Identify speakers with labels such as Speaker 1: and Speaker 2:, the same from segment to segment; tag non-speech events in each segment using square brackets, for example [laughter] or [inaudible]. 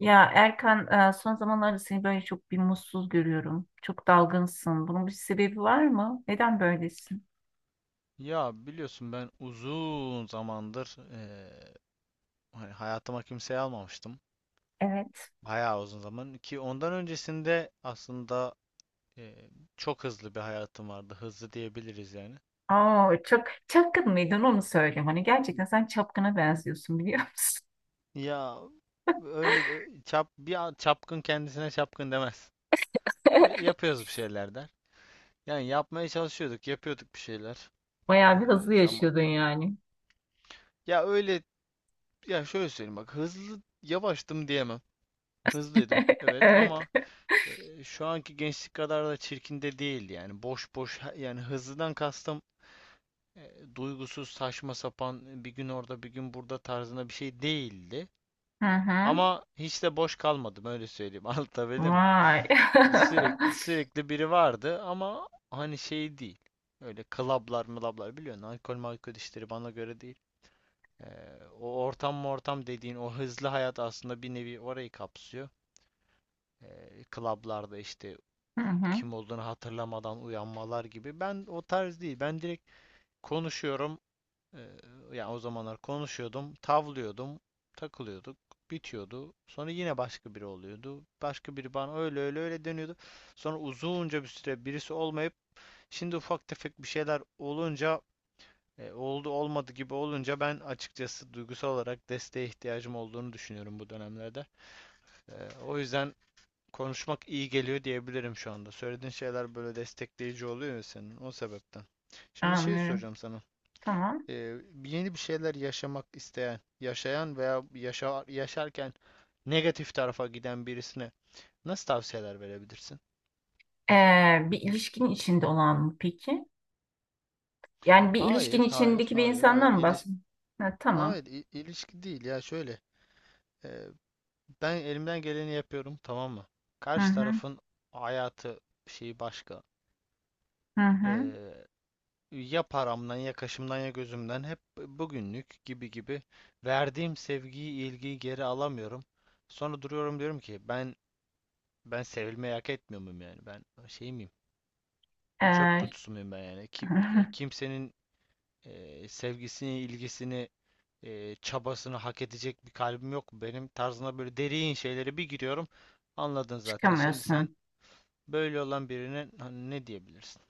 Speaker 1: Ya Erkan, son zamanlarda seni böyle çok bir mutsuz görüyorum. Çok dalgınsın. Bunun bir sebebi var mı? Neden böylesin?
Speaker 2: Ya biliyorsun ben uzun zamandır hani hayatıma kimseyi almamıştım.
Speaker 1: Evet.
Speaker 2: Bayağı uzun zaman ki ondan öncesinde aslında eee, çok hızlı bir hayatım vardı. Hızlı diyebiliriz yani.
Speaker 1: Aa, çok çapkın mıydın onu söyleyeyim. Hani gerçekten sen çapkına benziyorsun biliyor musun?
Speaker 2: Ya öyle de-
Speaker 1: [laughs]
Speaker 2: çap bir a- çapkın kendisine çapkın demez. Yapıyoruz bir şeyler der. Yani yapmaya çalışıyorduk, yapıyorduk bir şeyler.
Speaker 1: Bayağı bir
Speaker 2: Eee
Speaker 1: hızlı
Speaker 2: zaman
Speaker 1: yaşıyordun yani.
Speaker 2: ya öyle, ya şöyle söyleyeyim, bak hızlı yavaştım diyemem. Hızlıydım, evet
Speaker 1: Evet.
Speaker 2: ama Şu anki gençlik kadar da çirkin de değil yani. Boş boş, yani hızlıdan kastım duygusuz saçma sapan bir gün orada bir gün burada tarzında bir şey değildi.
Speaker 1: Hı hı.
Speaker 2: Ama hiç de boş kalmadım, öyle söyleyeyim. [laughs] Anlatabildim mi?
Speaker 1: Vay. [laughs]
Speaker 2: Sürekli sürekli biri vardı ama hani şey değil. Öyle klablar mılablar biliyorsun. Alkol malkol işleri bana göre değil. E, o ortam mı ortam dediğin o hızlı hayat aslında bir nevi orayı kapsıyor. Klablarda işte
Speaker 1: Hı hı.
Speaker 2: kim olduğunu hatırlamadan uyanmalar gibi. Ben o tarz değil. Ben direkt konuşuyorum. Ee, yani o zamanlar konuşuyordum, tavlıyordum, takılıyorduk, bitiyordu. Sonra yine başka biri oluyordu. Başka biri bana öyle öyle öyle dönüyordu. Sonra uzunca bir süre birisi olmayıp şimdi ufak tefek bir şeyler olunca, oldu olmadı gibi olunca, ben açıkçası duygusal olarak desteğe ihtiyacım olduğunu düşünüyorum bu dönemlerde. Ee, o yüzden konuşmak iyi geliyor diyebilirim şu anda. Söylediğin şeyler böyle destekleyici oluyor ya, senin o sebepten. Şimdi şey
Speaker 1: Anlıyorum.
Speaker 2: soracağım sana.
Speaker 1: Tamam.
Speaker 2: Ee, yeni bir şeyler yaşamak isteyen, yaşayan veya yaşarken negatif tarafa giden birisine nasıl tavsiyeler verebilirsin?
Speaker 1: Bir ilişkinin içinde olan mı peki? Yani bir ilişkinin
Speaker 2: Hayır, hayır,
Speaker 1: içindeki bir
Speaker 2: hayır, hayır.
Speaker 1: insandan mı
Speaker 2: İliş
Speaker 1: bahsediyorsun? Ha, tamam.
Speaker 2: hayır, i- ilişki değil ya, şöyle. Ee, ben elimden geleni yapıyorum, tamam mı?
Speaker 1: Hı
Speaker 2: Karşı
Speaker 1: hı.
Speaker 2: tarafın hayatı bir şey başka.
Speaker 1: Hı hı.
Speaker 2: Ee, ya paramdan, ya kaşımdan, ya gözümden, hep bugünlük gibi gibi verdiğim sevgiyi, ilgiyi geri alamıyorum. Sonra duruyorum diyorum ki ben sevilmeyi hak etmiyor muyum yani? Ben şey miyim? Çöp
Speaker 1: Ee,
Speaker 2: kutusu muyum ben yani? Ki- ki-
Speaker 1: [laughs]
Speaker 2: kimsenin sevgisini, ilgisini, çabasını hak edecek bir kalbim yok. Benim tarzına böyle derin şeylere bir giriyorum. Anladın zaten. Şimdi sen
Speaker 1: Çıkamıyorsun.
Speaker 2: böyle olan birine hani ne diyebilirsin?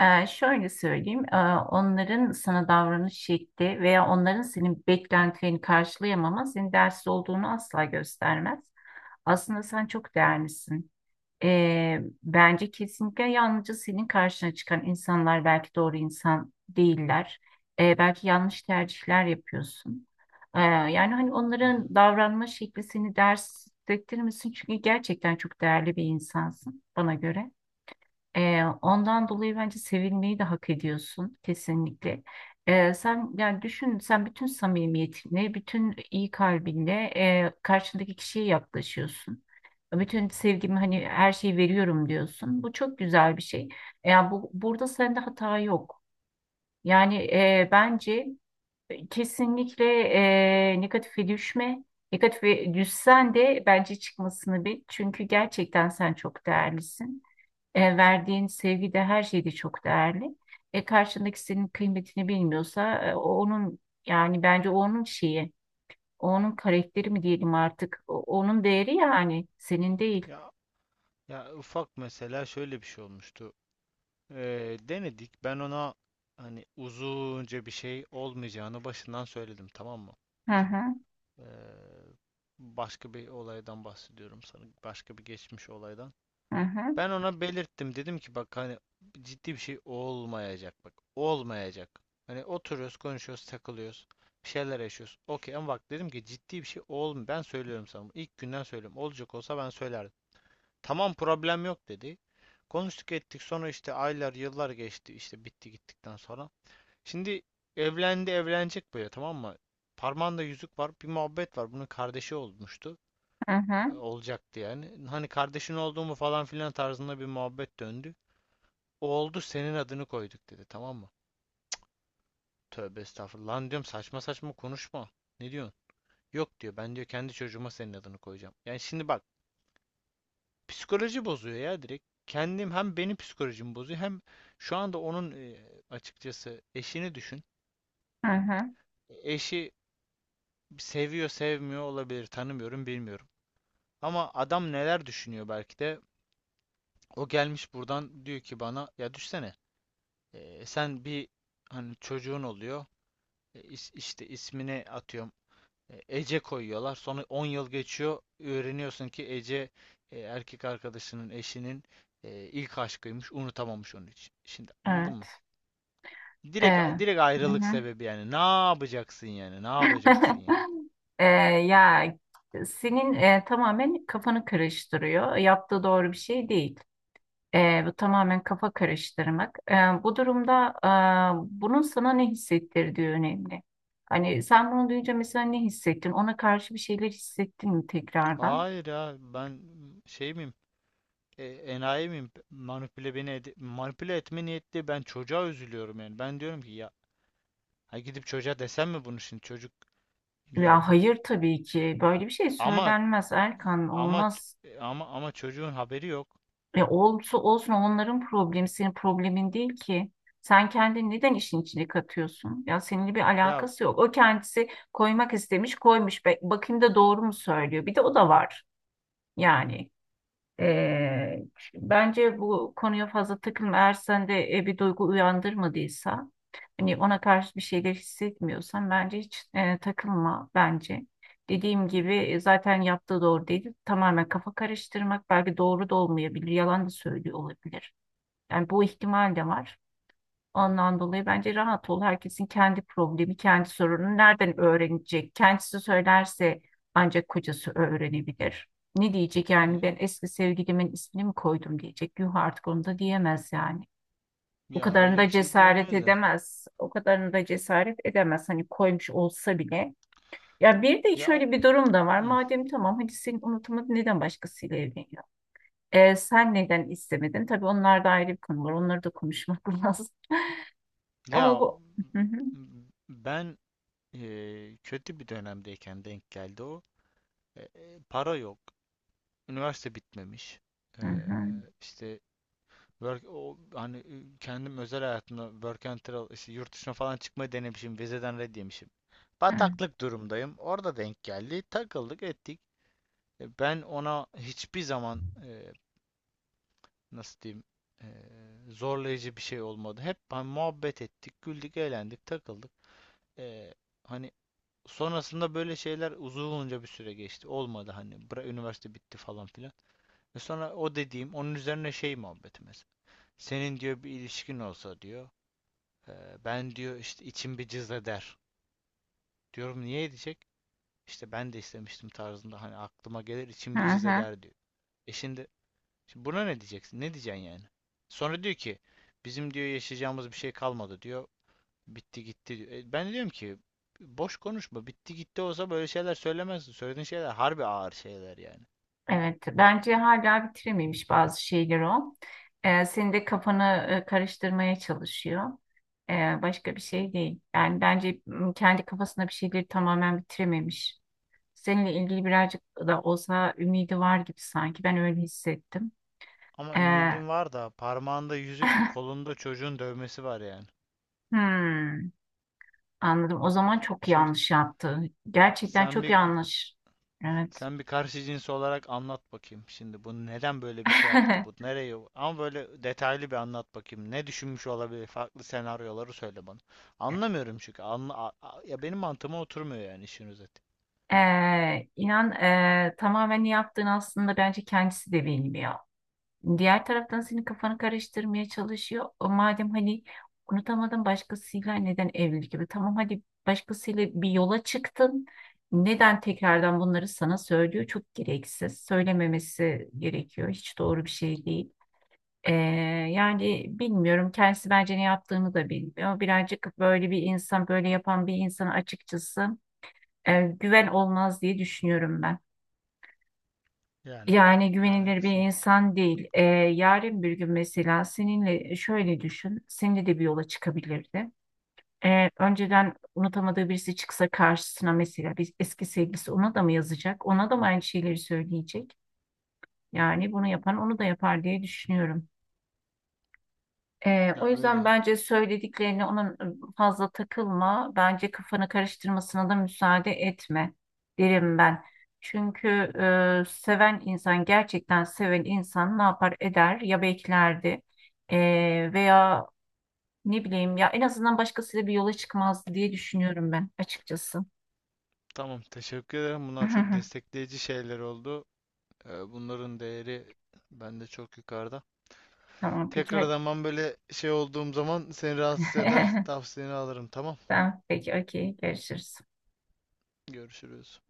Speaker 1: Şöyle söyleyeyim, onların sana davranış şekli veya onların senin beklentilerini karşılayamama senin değersiz olduğunu asla göstermez. Aslında sen çok değerlisin. Bence kesinlikle yalnızca senin karşına çıkan insanlar belki doğru insan değiller. Belki yanlış tercihler yapıyorsun. Yani hani
Speaker 2: Hı
Speaker 1: onların
Speaker 2: hı.
Speaker 1: davranma şekli seni değersiz hissettirmesin çünkü gerçekten çok değerli bir insansın bana göre. Ondan dolayı bence sevilmeyi de hak ediyorsun kesinlikle. Sen yani düşün sen bütün samimiyetinle, bütün iyi kalbinle karşındaki kişiye yaklaşıyorsun. Bütün sevgimi hani her şeyi veriyorum diyorsun. Bu çok güzel bir şey. Yani bu burada sende hata yok. Yani bence kesinlikle negatife düşme. Negatife düşsen de bence çıkmasını bil. Çünkü gerçekten sen çok değerlisin. Verdiğin sevgi de her şeyde çok değerli. Karşındaki senin kıymetini bilmiyorsa o onun yani bence o onun şeyi, o onun karakteri mi diyelim artık, onun değeri yani senin değil.
Speaker 2: Ya ya ufak, mesela şöyle bir şey olmuştu. Denedik. Ben ona hani uzunca bir şey olmayacağını başından söyledim, tamam mı?
Speaker 1: Hı hı,
Speaker 2: Ee, başka bir olaydan bahsediyorum sana. Başka bir geçmiş olaydan.
Speaker 1: hı hı,
Speaker 2: Ben ona belirttim. Dedim ki bak hani ciddi bir şey olmayacak, bak. Olmayacak. Hani oturuyoruz, konuşuyoruz, takılıyoruz. Bir şeyler yaşıyoruz, okey. Ama bak dedim ki ciddi bir şey olm. Ben söylüyorum sana bunu. İlk günden söylüyorum. Olacak olsa ben söylerdim. Tamam, problem yok dedi. Konuştuk ettik, sonra işte aylar yıllar geçti, işte bitti gittikten sonra. Şimdi evlendi, evlenecek böyle, tamam mı? Parmağında yüzük var, bir muhabbet var, bunun kardeşi olmuştu,
Speaker 1: hı hı,
Speaker 2: olacaktı yani. Hani kardeşin olduğumu falan filan tarzında bir muhabbet döndü. O oldu, senin adını koyduk, dedi, tamam mı? Tövbe estağfurullah lan, diyorum, saçma saçma konuşma. Ne diyorsun? Yok, diyor, ben diyor kendi çocuğuma senin adını koyacağım. Yani şimdi bak. Psikoloji bozuyor ya direkt. Kendim, hem benim psikolojimi bozuyor, hem şu anda onun açıkçası eşini düşün.
Speaker 1: hı hı.
Speaker 2: Eşi seviyor, sevmiyor olabilir, tanımıyorum, bilmiyorum. Ama adam neler düşünüyor belki de. O gelmiş buradan diyor ki bana, ya düşsene, sen bir, hani çocuğun oluyor, E, is- işte ismini atıyorum, Ece koyuyorlar, sonra 10 yıl geçiyor, öğreniyorsun ki Ece erkek arkadaşının eşinin ilk aşkıymış, unutamamış onun için. Şimdi anladın mı?
Speaker 1: Evet. E,
Speaker 2: Direkt
Speaker 1: hı
Speaker 2: direkt ayrılık
Speaker 1: hı.
Speaker 2: sebebi yani. Ne yapacaksın yani? Ne yapacaksın yani?
Speaker 1: [laughs] E, ya senin tamamen kafanı karıştırıyor. Yaptığı doğru bir şey değil. Bu tamamen kafa karıştırmak. Bu durumda bunun sana ne hissettirdiği önemli. Hani sen bunu duyunca mesela ne hissettin? Ona karşı bir şeyler hissettin mi tekrardan?
Speaker 2: Hayır ya, ben şey miyim? Enayi miyim? Manipüle etme niyetli, ben çocuğa üzülüyorum yani. Ben diyorum ki ya, ha, gidip çocuğa desem mi bunu, şimdi çocuk, ya
Speaker 1: Ya hayır tabii ki. Böyle bir şey
Speaker 2: ama
Speaker 1: söylenmez Erkan.
Speaker 2: ama
Speaker 1: Olmaz.
Speaker 2: ç- ama ama çocuğun haberi yok.
Speaker 1: E olsun olsun onların problemi senin problemin değil ki. Sen kendini neden işin içine katıyorsun? Ya seninle bir
Speaker 2: Ya
Speaker 1: alakası yok. O kendisi koymak istemiş, koymuş. Bakayım da doğru mu söylüyor? Bir de o da var yani. Ee, Bence bu konuya fazla takılma. Eğer sende bir duygu uyandırmadıysa, hani ona karşı bir şeyler hissetmiyorsan bence hiç takılma bence. Dediğim gibi zaten yaptığı doğru değil. Tamamen kafa karıştırmak belki doğru da olmayabilir, yalan da söylüyor olabilir. Yani bu ihtimal de var. Ondan dolayı bence rahat ol. Herkesin kendi problemi, kendi sorunu nereden öğrenecek? Kendisi söylerse ancak kocası öğrenebilir. Ne diyecek yani ben eski sevgilimin ismini mi koydum diyecek. Yuh artık onu da diyemez yani. O
Speaker 2: ya
Speaker 1: kadarını
Speaker 2: öyle bir
Speaker 1: da
Speaker 2: şey
Speaker 1: cesaret
Speaker 2: diyemez de.
Speaker 1: edemez. O kadarını da cesaret edemez. Hani koymuş olsa bile. Ya bir de
Speaker 2: Ya
Speaker 1: şöyle bir durum da var.
Speaker 2: hı.
Speaker 1: Madem tamam hadi senin unutmadın neden başkasıyla evleniyor? Sen neden istemedin? Tabii onlar da ayrı bir konu var. Onları da konuşmak [laughs] lazım. Ama
Speaker 2: ya
Speaker 1: bu... Hı hı.
Speaker 2: ben kötü bir dönemdeyken denk geldi o. Para yok, üniversite bitmemiş.
Speaker 1: Hı
Speaker 2: Eee
Speaker 1: hı,
Speaker 2: işte work, o, hani kendim özel hayatımda work and travel, işte yurt dışına falan çıkmayı denemişim. Vizeden red yemişim.
Speaker 1: hı,
Speaker 2: Bataklık durumdayım. Orada denk geldi. Takıldık ettik. Ben ona hiçbir zaman, nasıl diyeyim, e, zorlayıcı bir şey olmadı. Hep hani muhabbet ettik, güldük, eğlendik, takıldık. E, hani sonrasında böyle şeyler, uzunca bir süre geçti. Olmadı hani. Üniversite bitti falan filan. Ve sonra o dediğim, onun üzerine şey muhabbeti mesela. Senin, diyor, bir ilişkin olsa, diyor, "e, ben diyor işte içim bir cız eder. Diyorum, niye edecek? İşte ben de istemiştim tarzında, hani aklıma gelir içim
Speaker 1: hı
Speaker 2: bir cız
Speaker 1: hı.
Speaker 2: eder, diyor. E şimdi, şimdi buna ne diyeceksin? Ne diyeceksin yani? Sonra diyor ki bizim, diyor, yaşayacağımız bir şey kalmadı, diyor. Bitti gitti, diyor. Ben diyorum ki boş konuşma. Bitti gitti olsa böyle şeyler söylemezsin. Söylediğin şeyler harbi ağır şeyler yani.
Speaker 1: Evet, bence hala bitirememiş bazı şeyler o. Senin de kafanı karıştırmaya çalışıyor. Başka bir şey değil. Yani bence kendi kafasında bir şeyleri tamamen bitirememiş. Seninle ilgili birazcık da olsa ümidi var gibi sanki. Ben öyle hissettim.
Speaker 2: Ama
Speaker 1: Ee,
Speaker 2: ümidim var da parmağında yüzük, kolunda çocuğun dövmesi var yani.
Speaker 1: hmm, anladım. O zaman çok
Speaker 2: Şimdi
Speaker 1: yanlış yaptı. Gerçekten
Speaker 2: sen
Speaker 1: çok
Speaker 2: bir
Speaker 1: yanlış. Evet.
Speaker 2: sen bir karşı cins olarak anlat bakayım. Şimdi bu neden böyle bir şey yaptı bu?
Speaker 1: [laughs]
Speaker 2: Nereye? Ama böyle detaylı bir anlat bakayım. Ne düşünmüş olabilir? Farklı senaryoları söyle bana. Anlamıyorum çünkü. Ya benim mantığıma oturmuyor yani, işin özeti.
Speaker 1: İnan tamamen ne yaptığın aslında bence kendisi de bilmiyor. Diğer taraftan senin kafanı karıştırmaya çalışıyor. O madem hani unutamadın başkasıyla neden evlilik gibi? Tamam hadi başkasıyla bir yola çıktın. Neden tekrardan bunları sana söylüyor? Çok gereksiz. Söylememesi gerekiyor. Hiç doğru bir şey değil. Ee, Yani bilmiyorum. Kendisi bence ne yaptığını da bilmiyor. Birazcık böyle bir insan, böyle yapan bir insan açıkçası güven olmaz diye düşünüyorum ben.
Speaker 2: Yani.
Speaker 1: Yani
Speaker 2: Yani
Speaker 1: güvenilir bir
Speaker 2: kısmen.
Speaker 1: insan değil. Yarın bir gün mesela seninle şöyle düşün, seninle de bir yola çıkabilirdi. Önceden unutamadığı birisi çıksa karşısına mesela bir eski sevgilisi ona da mı yazacak? Ona da mı aynı şeyleri söyleyecek? Yani bunu yapan onu da yapar diye düşünüyorum. O
Speaker 2: Ya
Speaker 1: yüzden
Speaker 2: öyle.
Speaker 1: bence söylediklerine onun fazla takılma. Bence kafanı karıştırmasına da müsaade etme derim ben. Çünkü seven insan, gerçekten seven insan ne yapar eder? Ya beklerdi veya ne bileyim ya en azından başkasıyla bir yola çıkmazdı diye düşünüyorum ben açıkçası.
Speaker 2: Tamam, teşekkür ederim. Bunlar çok
Speaker 1: [laughs]
Speaker 2: destekleyici şeyler oldu. Bunların değeri bende çok yukarıda.
Speaker 1: Tamam peki
Speaker 2: Tekrar
Speaker 1: hadi.
Speaker 2: zaman böyle şey olduğum zaman seni rahatsız eder, tavsiyeni alırım. Tamam.
Speaker 1: [laughs] Tamam peki okey görüşürüz.
Speaker 2: Görüşürüz.